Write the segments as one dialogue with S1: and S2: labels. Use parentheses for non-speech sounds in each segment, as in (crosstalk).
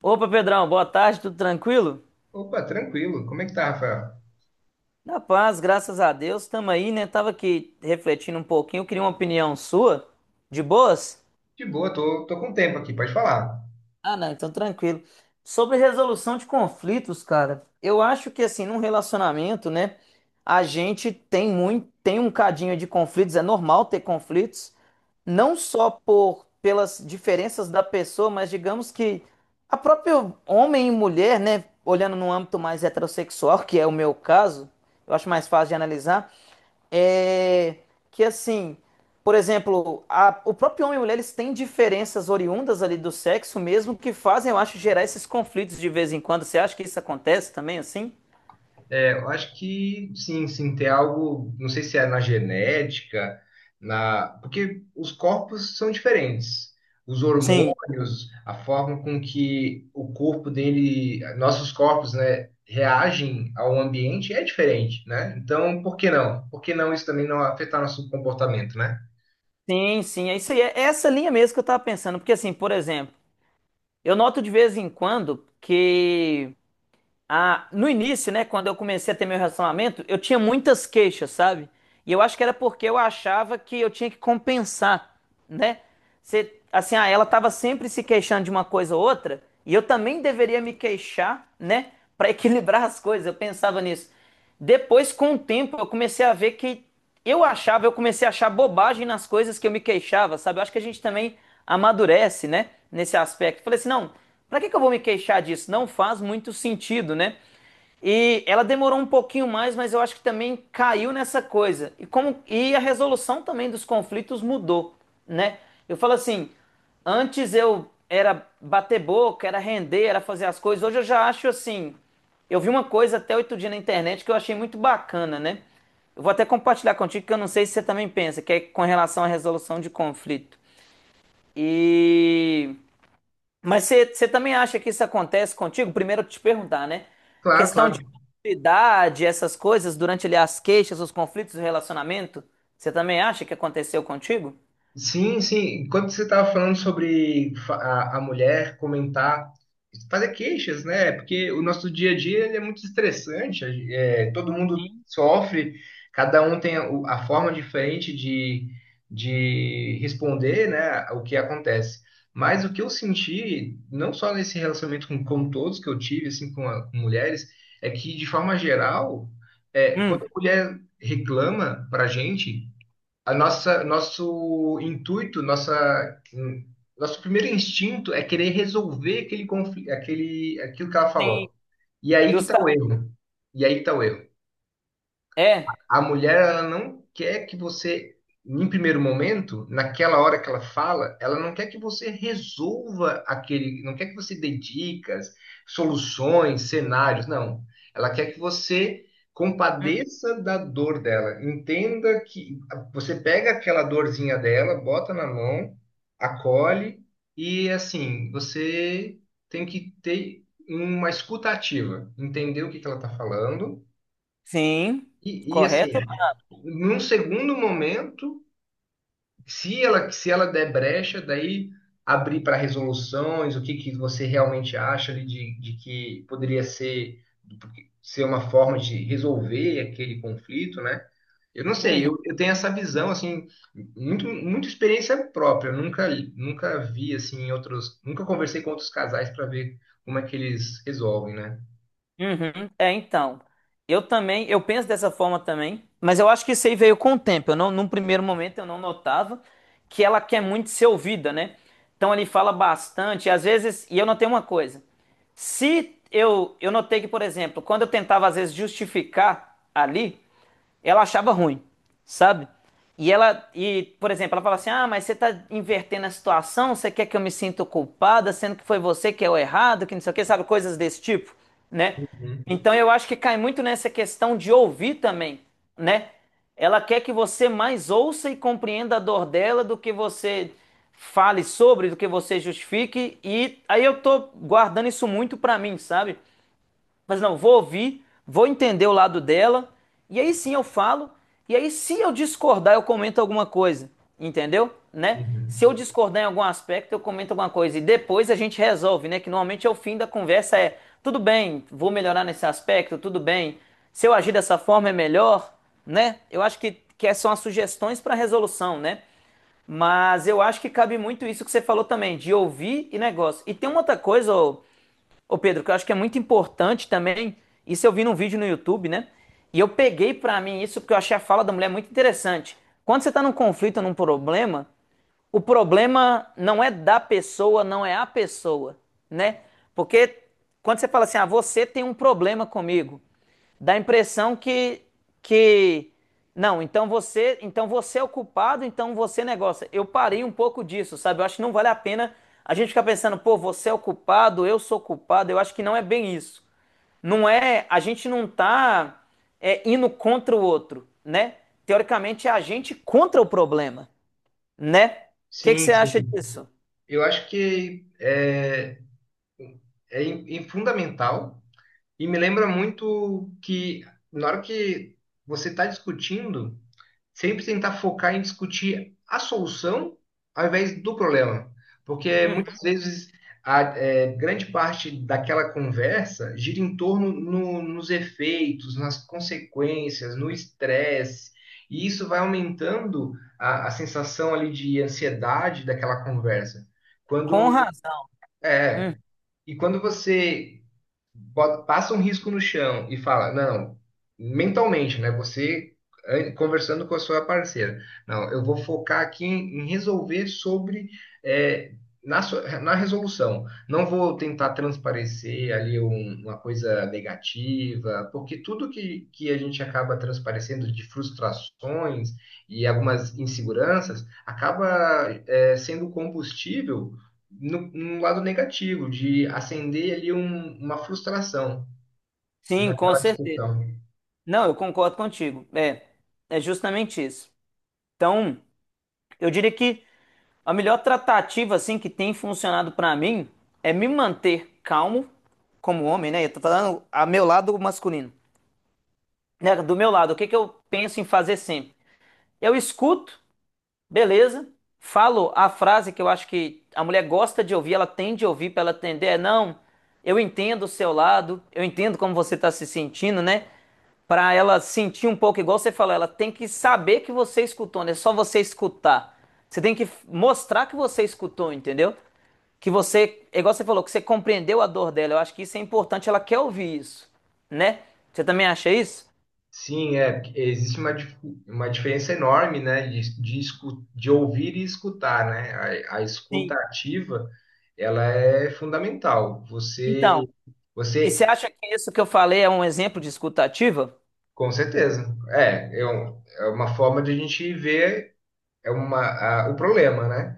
S1: Opa, Pedrão, boa tarde, tudo tranquilo?
S2: Opa, tranquilo. Como é que tá, Rafael?
S1: Na paz, graças a Deus, tamo aí, né? Tava aqui refletindo um pouquinho, queria uma opinião sua. De boas?
S2: De boa, tô, com tempo aqui, pode falar.
S1: Ah, não, então tranquilo. Sobre resolução de conflitos, cara, eu acho que assim, num relacionamento, né, a gente tem muito, tem um cadinho de conflitos, é normal ter conflitos. Não só por pelas diferenças da pessoa, mas digamos que a própria homem e mulher, né, olhando no âmbito mais heterossexual, que é o meu caso, eu acho mais fácil de analisar, é que assim, por exemplo, o próprio homem e mulher eles têm diferenças oriundas ali do sexo mesmo que fazem, eu acho, gerar esses conflitos de vez em quando. Você acha que isso acontece também assim?
S2: Eu acho que sim, tem algo, não sei se é na genética, porque os corpos são diferentes. Os
S1: Sim,
S2: hormônios, a forma com que o corpo dele, nossos corpos, né, reagem ao ambiente é diferente, né? Então, por que não? Por que não isso também não afetar nosso comportamento, né?
S1: sim, sim. É isso aí. É essa linha mesmo que eu tava pensando, porque assim, por exemplo, eu noto de vez em quando que Ah, no início, né, quando eu comecei a ter meu relacionamento, eu tinha muitas queixas, sabe? E eu acho que era porque eu achava que eu tinha que compensar, né? Você, assim, ah, ela tava sempre se queixando de uma coisa ou outra, e eu também deveria me queixar, né, (laughs) pra equilibrar as coisas. Eu pensava nisso. Depois, com o tempo, eu comecei a ver que eu achava, eu comecei a achar bobagem nas coisas que eu me queixava, sabe? Eu acho que a gente também amadurece, né, nesse aspecto. Falei assim, não, para que que eu vou me queixar disso? Não faz muito sentido, né? E ela demorou um pouquinho mais, mas eu acho que também caiu nessa coisa. E como e a resolução também dos conflitos mudou, né? Eu falo assim, antes eu era bater boca, era render, era fazer as coisas. Hoje eu já acho assim, eu vi uma coisa até outro dia na internet que eu achei muito bacana, né? Eu vou até compartilhar contigo que eu não sei se você também pensa, que é com relação à resolução de conflito. E mas você também acha que isso acontece contigo? Primeiro eu te perguntar, né?
S2: Claro,
S1: Questão de
S2: claro.
S1: idade, essas coisas, durante ali as queixas, os conflitos do relacionamento, você também acha que aconteceu contigo?
S2: Sim, sim. Enquanto você estava falando sobre a mulher comentar, fazer queixas, né? Porque o nosso dia a dia ele é muito estressante. Todo mundo sofre, cada um tem a forma diferente de responder, né, o que acontece. Mas o que eu senti, não só nesse relacionamento com todos que eu tive, assim, com mulheres, é que, de forma geral,
S1: Hum.
S2: quando a mulher reclama pra gente a nossa, nosso primeiro instinto é querer resolver aquele conflito, aquilo que ela
S1: Sim,
S2: falou. E aí que está
S1: justa.
S2: o erro. E aí que está o erro.
S1: É.
S2: A mulher ela não quer que você, em primeiro momento, naquela hora que ela fala, ela não quer que você resolva aquele, não quer que você dê dicas, soluções, cenários, não. Ela quer que você
S1: Hum.
S2: compadeça da dor dela, entenda que você pega aquela dorzinha dela, bota na mão, acolhe e assim, você tem que ter uma escuta ativa, entender o que que ela está falando
S1: Sim,
S2: assim,
S1: correto?
S2: num segundo momento, se ela der brecha, daí abrir para resoluções, que você realmente acha ali de que poderia ser, ser uma forma de resolver aquele conflito, né? Eu não sei,
S1: Uhum.
S2: eu tenho essa visão, assim, muita experiência própria. Eu nunca, nunca vi, assim, em outros. Nunca conversei com outros casais para ver como é que eles resolvem, né?
S1: Uhum. É, então, eu também, eu penso dessa forma também, mas eu acho que isso aí veio com o tempo. Eu não, num primeiro momento eu não notava que ela quer muito ser ouvida, né? Então ele fala bastante, e às vezes, e eu notei uma coisa. Se eu, eu notei que, por exemplo, quando eu tentava às vezes justificar ali, ela achava ruim, sabe? E ela, e, por exemplo, ela fala assim: Ah, mas você tá invertendo a situação, você quer que eu me sinta culpada, sendo que foi você que é o errado, que não sei o que, sabe? Coisas desse tipo, né?
S2: Uhum,
S1: Então eu acho que cai muito nessa questão de ouvir também, né? Ela quer que você mais ouça e compreenda a dor dela do que você fale sobre, do que você justifique. E aí eu tô guardando isso muito pra mim, sabe? Mas não, vou ouvir, vou entender o lado dela, e aí sim eu falo, e aí se eu discordar, eu comento alguma coisa, entendeu? Né?
S2: uhum.
S1: Se eu discordar em algum aspecto, eu comento alguma coisa, e depois a gente resolve, né? Que normalmente é o fim da conversa, é tudo bem, vou melhorar nesse aspecto, tudo bem, se eu agir dessa forma é melhor, né? Eu acho que essas são as sugestões para resolução, né? Mas eu acho que cabe muito isso que você falou também, de ouvir e negócio. E tem uma outra coisa, ô Pedro, que eu acho que é muito importante também, isso eu vi num vídeo no YouTube, né? E eu peguei pra mim isso porque eu achei a fala da mulher muito interessante. Quando você tá num conflito, num problema, o problema não é da pessoa, não é a pessoa, né? Porque quando você fala assim, ah, você tem um problema comigo, dá a impressão que não, então você é o culpado, então você negócio. Eu parei um pouco disso, sabe? Eu acho que não vale a pena a gente ficar pensando, pô, você é o culpado, eu sou culpado. Eu acho que não é bem isso. Não é, a gente não tá indo contra o outro, né? Teoricamente é a gente contra o problema né? O que que
S2: Sim,
S1: você acha
S2: sim.
S1: disso?
S2: Eu acho que fundamental e me lembra muito que na hora que você está discutindo, sempre tentar focar em discutir a solução ao invés do problema. Porque muitas
S1: Uhum.
S2: vezes grande parte daquela conversa gira em torno nos efeitos, nas consequências, no estresse. E isso vai aumentando a sensação ali de ansiedade daquela conversa.
S1: Com
S2: Quando
S1: razão. Uhum.
S2: é, E quando você passa um risco no chão e fala, não, mentalmente, né? Você conversando com a sua parceira, não, eu vou focar aqui em resolver sobre eh, na resolução. Não vou tentar transparecer ali uma coisa negativa, porque tudo que a gente acaba transparecendo de frustrações e algumas inseguranças acaba sendo combustível no lado negativo, de acender ali uma frustração
S1: Sim, com
S2: naquela
S1: certeza.
S2: discussão.
S1: Não, eu concordo contigo. É, é justamente isso. Então, eu diria que a melhor tratativa assim que tem funcionado pra mim é me manter calmo como homem, né? Eu tô falando a meu lado masculino, né? Do meu lado, o que que eu penso em fazer sempre? Eu escuto. Beleza? Falo a frase que eu acho que a mulher gosta de ouvir, ela tende a ouvir para ela atender, é não, eu entendo o seu lado, eu entendo como você está se sentindo, né? Para ela sentir um pouco, igual você falou, ela tem que saber que você escutou, não é só você escutar. Você tem que mostrar que você escutou, entendeu? Que você, é igual você falou, que você compreendeu a dor dela. Eu acho que isso é importante, ela quer ouvir isso, né? Você também acha isso?
S2: Sim, é, existe uma diferença enorme, né, de ouvir e escutar, né? A escuta
S1: Sim.
S2: ativa, ela é fundamental. Você,
S1: Então, e você
S2: você,
S1: acha que isso que eu falei é um exemplo de escutativa?
S2: com certeza, é uma forma de a gente ver é uma, o problema, né?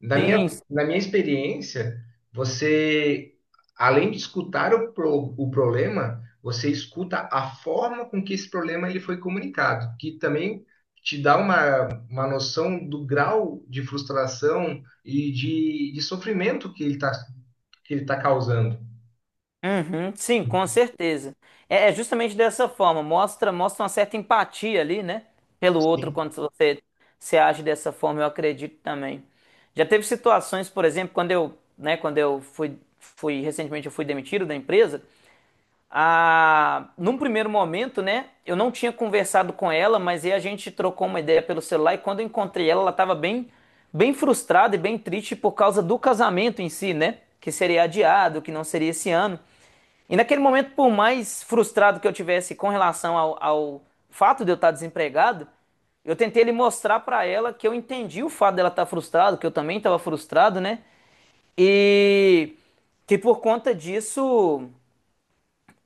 S2: Na minha,
S1: Sim,
S2: na minha experiência, você, além de escutar o problema, você escuta a forma com que esse problema ele foi comunicado, que também te dá uma noção do grau de frustração de sofrimento que ele está que ele tá causando.
S1: uhum, sim, com certeza. É, é justamente dessa forma, mostra, mostra uma certa empatia ali, né? Pelo outro,
S2: Sim.
S1: quando você se age dessa forma, eu acredito também. Já teve situações, por exemplo, quando eu, né, quando eu fui, fui recentemente eu fui demitido da empresa, num primeiro momento, né? Eu não tinha conversado com ela, mas aí a gente trocou uma ideia pelo celular e quando eu encontrei ela, ela estava bem, bem frustrada e bem triste por causa do casamento em si, né? Que seria adiado, que não seria esse ano. E naquele momento, por mais frustrado que eu tivesse com relação ao, ao fato de eu estar desempregado, eu tentei lhe mostrar para ela que eu entendi o fato dela estar frustrada, que eu também estava frustrado, né? E que por conta disso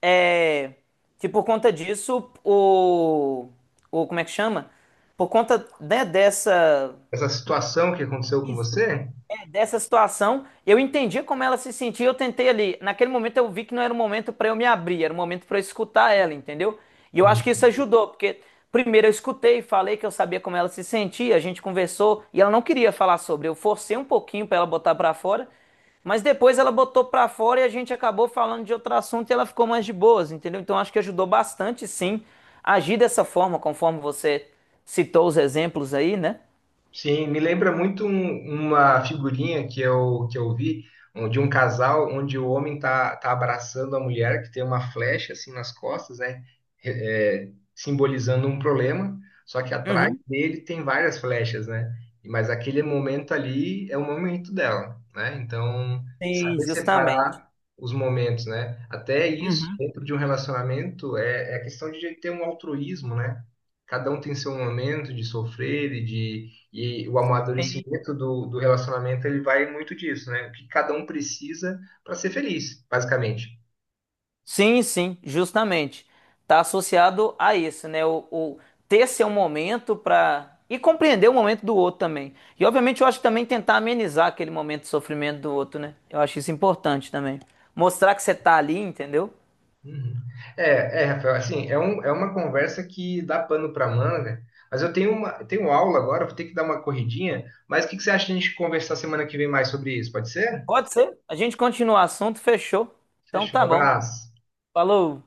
S1: é, que por conta disso, o. Como é que chama? Por conta, né, dessa
S2: Essa situação que aconteceu com você?
S1: dessa situação, eu entendi como ela se sentia, eu tentei ali. Naquele momento eu vi que não era o momento para eu me abrir, era o momento para eu escutar ela, entendeu? E eu acho que isso
S2: Hum.
S1: ajudou, porque primeiro eu escutei, falei que eu sabia como ela se sentia, a gente conversou e ela não queria falar sobre. Eu forcei um pouquinho para ela botar para fora, mas depois ela botou para fora e a gente acabou falando de outro assunto e ela ficou mais de boas, entendeu? Então acho que ajudou bastante, sim, agir dessa forma, conforme você citou os exemplos aí, né?
S2: Sim, me lembra muito uma figurinha que eu vi de um casal onde o homem tá, tá abraçando a mulher, que tem uma flecha assim nas costas, né? É, é, simbolizando um problema, só que atrás
S1: Uhum.
S2: dele tem várias flechas, né? Mas aquele momento ali é o momento dela, né? Então,
S1: Sim,
S2: saber
S1: justamente.
S2: separar os momentos, né? Até isso,
S1: Uhum.
S2: dentro de um relacionamento, é, é a questão de ter um altruísmo, né? Cada um tem seu momento de sofrer e o amadurecimento do relacionamento, ele vai muito disso, né? O que cada um precisa para ser feliz, basicamente.
S1: Sim, sim, justamente. Está associado a isso, né? O ter seu momento para. E compreender o momento do outro também. E, obviamente, eu acho que também tentar amenizar aquele momento de sofrimento do outro, né? Eu acho isso importante também. Mostrar que você tá ali, entendeu?
S2: Uhum. É, é, Rafael, assim, é, um, é uma conversa que dá pano para manga, mas eu tenho uma, eu tenho aula agora, vou ter que dar uma corridinha, mas o que que você acha de a gente conversar semana que vem mais sobre isso? Pode ser?
S1: Pode ser. A gente continua o assunto, fechou. Então
S2: Fechou, um
S1: tá bom.
S2: abraço.
S1: Falou.